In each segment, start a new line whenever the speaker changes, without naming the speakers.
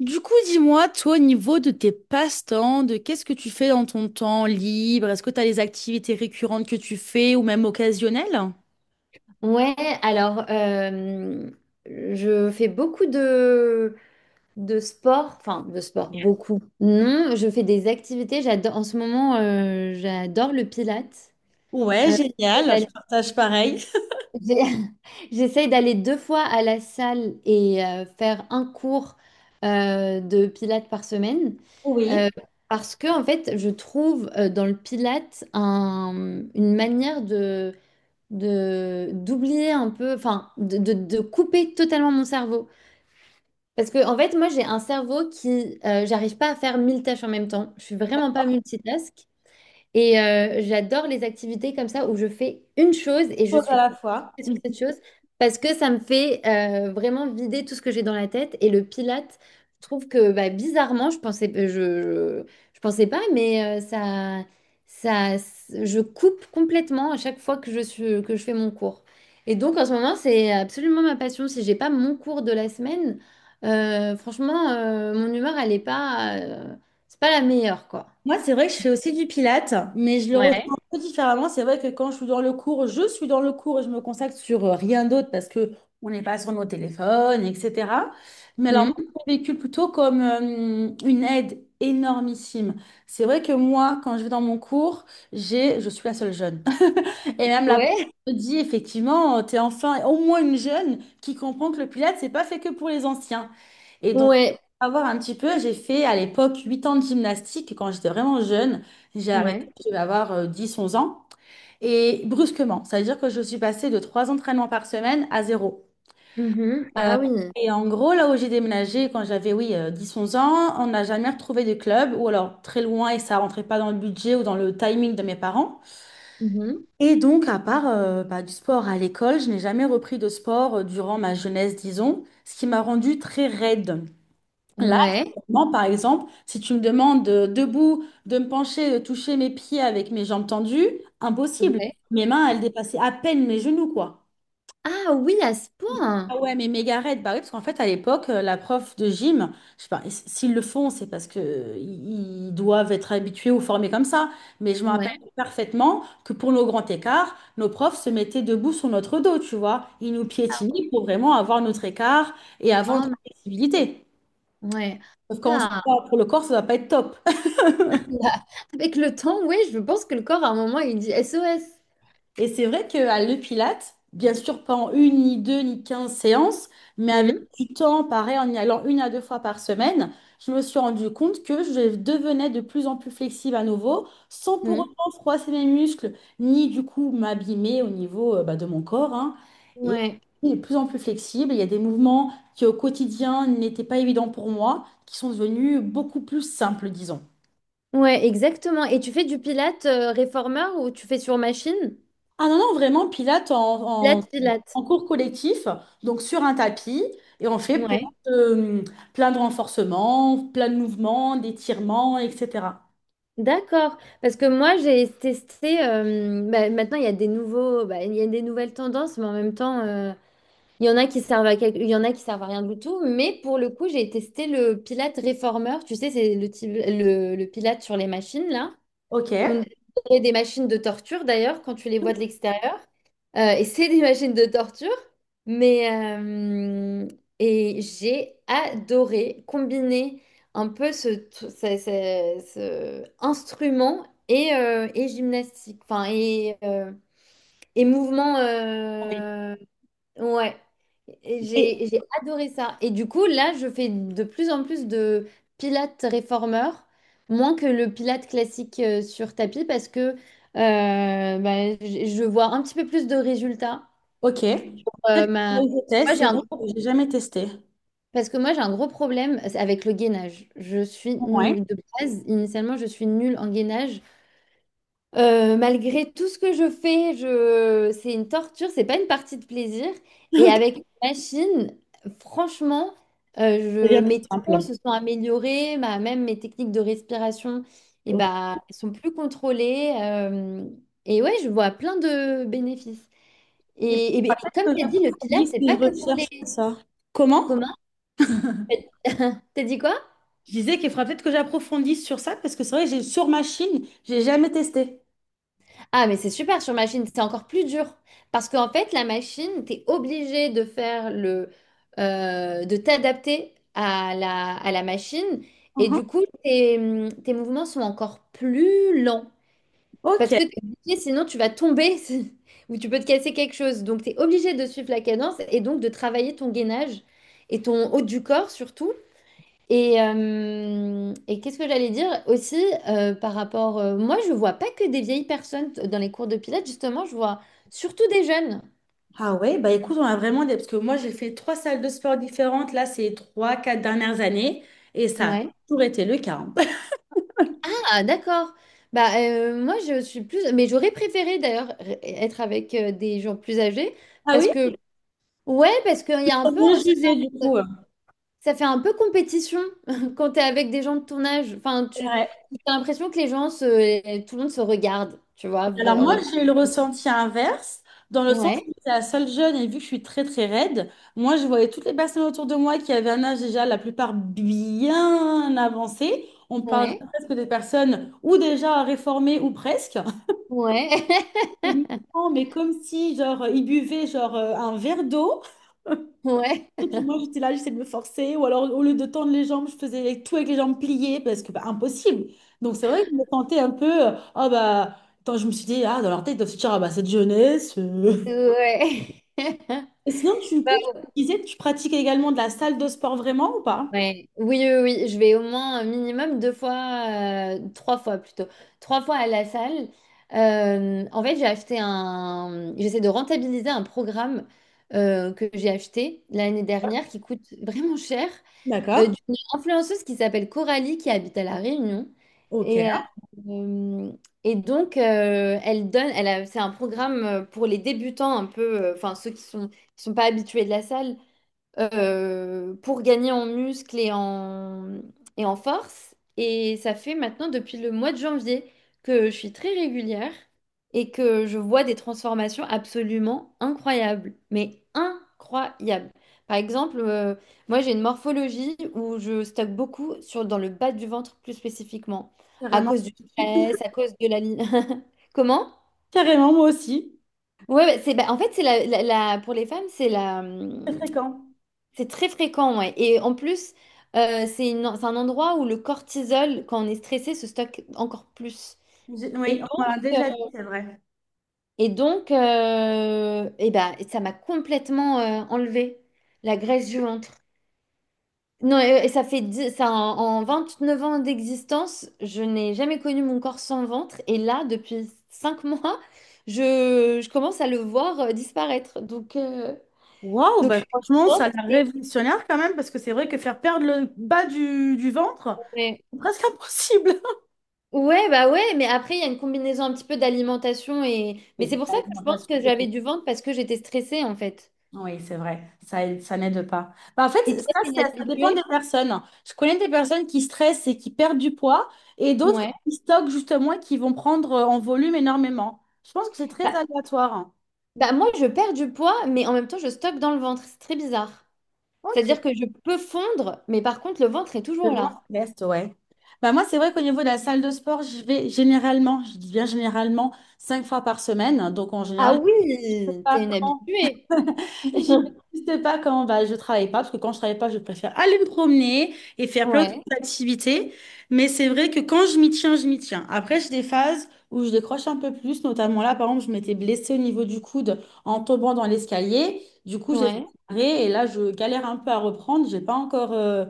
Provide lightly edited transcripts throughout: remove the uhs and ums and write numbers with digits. Du coup, dis-moi, toi, au niveau de tes passe-temps, de qu'est-ce que tu fais dans ton temps libre? Est-ce que tu as des activités récurrentes que tu fais ou même occasionnelles?
Ouais, alors euh, je fais beaucoup de sport, enfin de sport, beaucoup. Non, je fais des activités, j'adore, en ce moment, j'adore le pilates.
Ouais,
Euh, j'essaie
génial, je
d'aller-
partage pareil.
j'essaie d'aller deux fois à la salle et faire un cours de pilates par semaine. Euh,
Oui,
parce que en fait, je trouve dans le pilates une manière de d'oublier un peu, enfin de couper totalement mon cerveau. Parce que en fait, moi j'ai un cerveau qui, j'arrive pas à faire mille tâches en même temps. Je suis vraiment pas multitask. Et j'adore les activités comme ça où je fais une chose et je
chose à
suis
la fois.
sur cette chose parce que ça me fait vraiment vider tout ce que j'ai dans la tête. Et le Pilate, je trouve que bah, bizarrement, je pensais pas, mais ça, je coupe complètement à chaque fois que que je fais mon cours. Et donc en ce moment, c'est absolument ma passion. Si j'ai pas mon cours de la semaine, franchement, mon humeur, elle est pas, c'est pas la meilleure, quoi.
Moi, c'est vrai que je fais aussi du pilates, mais je le ressens un
Ouais.
peu différemment. C'est vrai que quand je suis dans le cours, je suis dans le cours et je me consacre sur rien d'autre, parce que on n'est pas sur nos téléphones, etc. Mais alors, moi,
Mhm.
je l'ai vécu plutôt comme une aide énormissime. C'est vrai que moi, quand je vais dans mon cours, je suis la seule jeune. Et même la prof
Ouais.
te dit, effectivement, tu es enfin au moins une jeune qui comprend que le Pilates, c'est pas fait que pour les anciens. Et donc,
Ouais.
pour avoir un petit peu, j'ai fait à l'époque 8 ans de gymnastique quand j'étais vraiment jeune. J'ai arrêté,
Ouais.
je vais avoir 10-11 ans. Et brusquement, ça veut dire que je suis passée de 3 entraînements par semaine à zéro.
Mhm.
Euh,
Ah oui.
et en gros, là où j'ai déménagé quand j'avais, oui, 10-11 ans, on n'a jamais retrouvé de club, ou alors très loin, et ça rentrait pas dans le budget ou dans le timing de mes parents.
Mhm.
Et donc, à part bah, du sport à l'école, je n'ai jamais repris de sport durant ma jeunesse, disons, ce qui m'a rendue très raide. Là,
Ouais.
actuellement, par exemple, si tu me demandes de, debout, de me pencher, de toucher mes pieds avec mes jambes tendues, impossible.
Ouais.
Mes mains, elles dépassaient à peine mes genoux, quoi.
Ah oui, à ce point.
Ah ouais, mais Megared, bah oui, parce qu'en fait, à l'époque, la prof de gym, je sais pas, s'ils le font, c'est parce que ils doivent être habitués ou formés comme ça. Mais je me rappelle
Ouais.
parfaitement que pour nos grands écarts, nos profs se mettaient debout sur notre dos, tu vois. Ils nous
Ah,
piétinaient pour vraiment avoir notre écart et avoir
ah,
notre
ma-
flexibilité.
ouais.
Sauf quand on se
Ah.
bat pour le corps, ça ne va pas être top.
Là, avec le temps, ouais, je pense que le corps, à un moment, il dit SOS.
Et c'est vrai qu'à le Pilate, bien sûr, pas en une, ni deux, ni 15 séances, mais avec
Hum,
du temps, pareil, en y allant une à deux fois par semaine, je me suis rendu compte que je devenais de plus en plus flexible à nouveau, sans pour
hum.
autant froisser mes muscles, ni du coup m'abîmer au niveau bah, de mon corps, hein. Et
Ouais.
je suis de plus en plus flexible. Il y a des mouvements qui au quotidien n'étaient pas évidents pour moi, qui sont devenus beaucoup plus simples, disons.
Ouais, exactement. Et tu fais du pilate réformeur ou tu fais sur machine?
Ah non, non, vraiment, pilates en, en,
Pilate, pilate.
en cours collectif, donc sur un tapis, et on fait
Ouais.
de, plein de renforcements, plein de mouvements, d'étirements, etc.
D'accord. Parce que moi, j'ai testé. Bah, maintenant, il y a des nouveaux, bah, il y a des nouvelles tendances, mais en même temps. Il y en a qui servent à quelque- Il y en a qui servent à rien du tout, mais pour le coup, j'ai testé le Pilate Reformer. Tu sais, c'est le Pilate sur les machines, là.
Ok.
On dirait des machines de torture, d'ailleurs, quand tu les vois de l'extérieur. Et c'est des machines de torture. Mais j'ai adoré combiner un peu ce, tr- ce- ce- ce instrument et gymnastique, et mouvement. Ouais,
Et,
j'ai adoré ça. Et du coup, là, je fais de plus en plus de pilates réformeur, moins que le pilates classique sur tapis, parce que je vois un petit peu plus de résultats.
ok. Peut-être que
Ma...
je
moi,
teste,
j'ai
c'est
un
vrai que
gros...
j'ai jamais testé.
Parce que moi, j'ai un gros problème avec le gainage. Je suis
Ouais.
n- de base, initialement, je suis nulle en gainage. Malgré tout ce que je fais, je... c'est une torture, c'est pas une partie de plaisir. Et
Ok,
avec une machine, franchement,
c'est
je...
bien plus
mes
simple.
temps se sont améliorés, même mes techniques de respiration, et
Ok.
bah, elles sont plus contrôlées. Et ouais, je vois plein de bénéfices.
Et ben,
Et
peut-être
comme
que
tu as dit, le pilates,
j'approfondisse
c'est
mes
pas que pour
recherches
les
sur ça. Comment?
communs. T'as dit quoi?
Je disais qu'il faudra peut-être que j'approfondisse sur ça, parce que c'est vrai que j'ai sur machine, j'ai jamais testé.
Ah, mais c'est super sur machine, c'est encore plus dur. Parce qu'en fait, la machine, t'es obligé de faire de t'adapter à la machine. Et
Uhum.
du coup, tes mouvements sont encore plus lents. Parce
Ok.
que t'es obligé, sinon tu vas tomber ou tu peux te casser quelque chose. Donc, t'es obligé de suivre la cadence et donc de travailler ton gainage et ton haut du corps surtout. Et qu'est-ce que j'allais dire aussi par rapport... moi, je vois pas que des vieilles personnes dans les cours de pilates, justement, je vois surtout des jeunes.
Ah ouais, bah écoute, on a vraiment des. Parce que moi, j'ai fait trois salles de sport différentes, là, ces 3, 4 dernières années, et ça a
Ouais.
toujours été le cas, hein.
Ah, d'accord. Bah, moi, je suis plus... Mais j'aurais préféré, d'ailleurs, être avec des gens plus âgés
Ah
parce
oui?
que... Ouais, parce qu'il y a un
Faut
peu...
bien
un- Ça
jugé, du coup.
ça fait un peu compétition quand t'es avec des gens de ton âge. Enfin, tu
Ouais.
as l'impression que les gens se... Tout le monde se regarde, tu vois.
Alors
V-
moi,
regarde.
j'ai eu le ressenti inverse, dans le sens
Ouais,
où j'étais la seule jeune, et vu que je suis très, très raide, moi, je voyais toutes les personnes autour de moi qui avaient un âge déjà, la plupart bien avancé. On parle
ouais,
presque des personnes ou déjà réformées ou presque.
ouais.
Des mouvements, mais comme si, genre, ils buvaient, genre, un verre d'eau.
Ouais,
Et puis moi, j'étais là, j'essayais de me forcer. Ou alors, au lieu de tendre les jambes, je faisais tout avec les jambes pliées parce que, bah, impossible. Donc, c'est vrai que je me sentais un peu, ah, bah. Attends, je me suis dit, ah, dans leur tête, ils doivent se dire, ah, bah, cette jeunesse.
ouais.
Et sinon, du coup, tu disais que tu pratiques également de la salle de sport vraiment ou pas?
Ouais. Oui, oui, oui, je vais au moins un minimum deux fois, trois fois plutôt, trois fois à la salle. En fait, j'essaie de rentabiliser un programme que j'ai acheté l'année dernière qui coûte vraiment cher,
D'accord.
d'une influenceuse qui s'appelle Coralie qui habite à La Réunion. Et,
Ok.
euh, et donc, elle donne, elle a- C'est un programme pour les débutants un peu, enfin ceux qui sont pas habitués de la salle pour gagner en muscle et en force. Et ça fait maintenant depuis le mois de janvier que je suis très régulière et que je vois des transformations absolument incroyables, mais incroyables. Par exemple, moi j'ai une morphologie où je stocke beaucoup dans le bas du ventre plus spécifiquement, à
Carrément.
cause du stress, à cause de la ligne. Comment?
Carrément, moi aussi.
Ouais, bah, c'est bah, en fait c'est pour les femmes c'est la
Très fréquent.
c'est très fréquent, ouais. Et en plus, c'est c'est un endroit où le cortisol, quand on est stressé, se stocke encore plus. Et,
Oui, on m'a
euh,
déjà dit, c'est vrai.
et donc, ça m'a complètement enlevé la graisse du ventre. Non, et ça fait dix- ça, en, En 29 ans d'existence, je n'ai jamais connu mon corps sans ventre. Et là, depuis 5 mois, je commence à le voir disparaître. Donc, euh,
Waouh,
donc je
bah,
suis
franchement, ça a
contente.
l'air
Et,
révolutionnaire quand même, parce que c'est vrai que faire perdre le bas du ventre,
ouais.
c'est presque impossible.
Ouais, bah ouais, mais après, il y a une combinaison un petit peu d'alimentation et... Mais c'est
Oui,
pour ça que je pense
l'alimentation,
que
c'est
j'avais
tout.
du ventre parce que j'étais stressée, en fait.
Oui, c'est vrai, ça n'aide pas. Bah, en fait,
Et
ça,
toi, t'es une
ça, ça dépend
habituée?
des personnes. Je connais des personnes qui stressent et qui perdent du poids, et d'autres
Ouais.
qui stockent justement et qui vont prendre en volume énormément. Je pense que c'est très
Bah,
aléatoire, hein.
bah moi, je perds du poids, mais en même temps, je stocke dans le ventre. C'est très bizarre.
Ok,
C'est-à-dire que je peux fondre, mais par contre, le ventre est
le
toujours
grand
là.
reste, ouais. Bah, moi, c'est vrai qu'au niveau de la salle de sport, je vais généralement, je dis bien généralement, cinq fois par semaine. Donc, en
Ah
général,
oui, t'es une habituée.
j'y vais pas quand bah, je travaille pas, parce que quand je travaille pas, je préfère aller me promener et faire plein d'autres
Ouais,
activités. Mais c'est vrai que quand je m'y tiens, je m'y tiens. Après, j'ai des phases où je décroche un peu plus, notamment là, par exemple, je m'étais blessée au niveau du coude en tombant dans l'escalier. Du coup, j'ai fait
ouais.
un arrêt, et là, je galère un peu à reprendre. J'ai pas encore,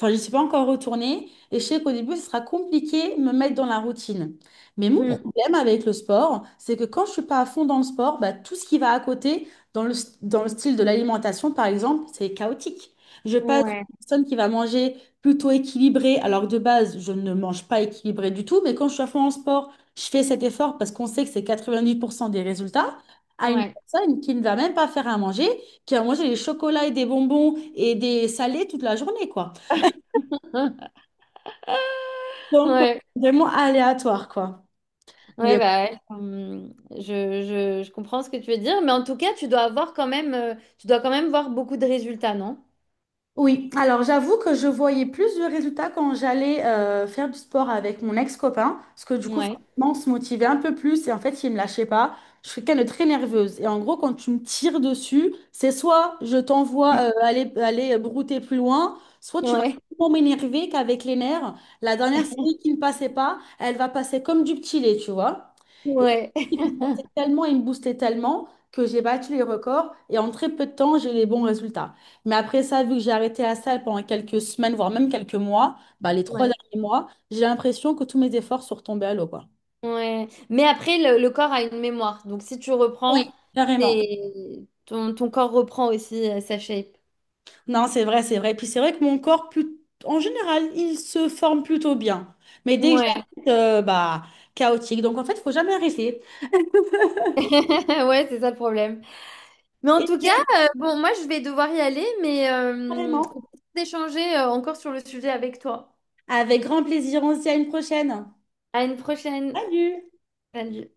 enfin, je suis pas encore retournée. Et je sais qu'au début, ce sera compliqué de me mettre dans la routine. Mais mon
Mm.
problème avec le sport, c'est que quand je suis pas à fond dans le sport, bah, tout ce qui va à côté, dans le, dans le style de l'alimentation, par exemple, c'est chaotique. Je passe d'une
Ouais,
personne qui va manger plutôt équilibré, alors que de base, je ne mange pas équilibré du tout, mais quand je suis à fond en sport, je fais cet effort parce qu'on sait que c'est 90% des résultats, à une
ouais.
personne qui ne va même pas faire à manger, qui va manger des chocolats et des bonbons et des salés toute la journée, quoi. Donc, ouais,
Ouais,
vraiment aléatoire, quoi.
ouais,
Mais
bah, ouais, je comprends ce que tu veux dire, mais en tout cas, tu dois avoir quand même, tu dois quand même voir beaucoup de résultats, non?
Oui, alors j'avoue que je voyais plus de résultats quand j'allais faire du sport avec mon ex-copain, parce que du coup,
Ouais,
forcément, on se motivait un peu plus et en fait, il me lâchait pas. Je suis quelqu'un de très nerveuse et en gros, quand tu me tires dessus, c'est soit je t'envoie aller, aller brouter plus loin, soit tu vas
ouais,
tellement m'énerver qu'avec les nerfs, la dernière série qui ne passait pas, elle va passer comme du petit lait, tu vois. Et
ouais,
il me forçait tellement, il me boostait tellement que j'ai battu les records et en très peu de temps, j'ai les bons résultats. Mais après ça, vu que j'ai arrêté la salle pendant quelques semaines, voire même quelques mois, bah, les trois
ouais,
derniers mois, j'ai l'impression que tous mes efforts sont retombés à l'eau, quoi.
ouais. Mais après, le corps a une mémoire, donc si tu reprends,
Oui. Carrément.
ton corps reprend aussi sa shape.
Non, c'est vrai, c'est vrai. Puis c'est vrai que mon corps, plus. En général, il se forme plutôt bien. Mais dès que
Ouais,
j'arrête, bah, chaotique. Donc en fait, il faut jamais arrêter.
ouais, c'est ça le problème. Mais en
Et
tout cas, bon, moi, je vais devoir y aller, mais
carrément,
on peut échanger encore sur le sujet avec toi.
avec grand plaisir, on se dit à une prochaine.
À une prochaine.
Salut!
Salut.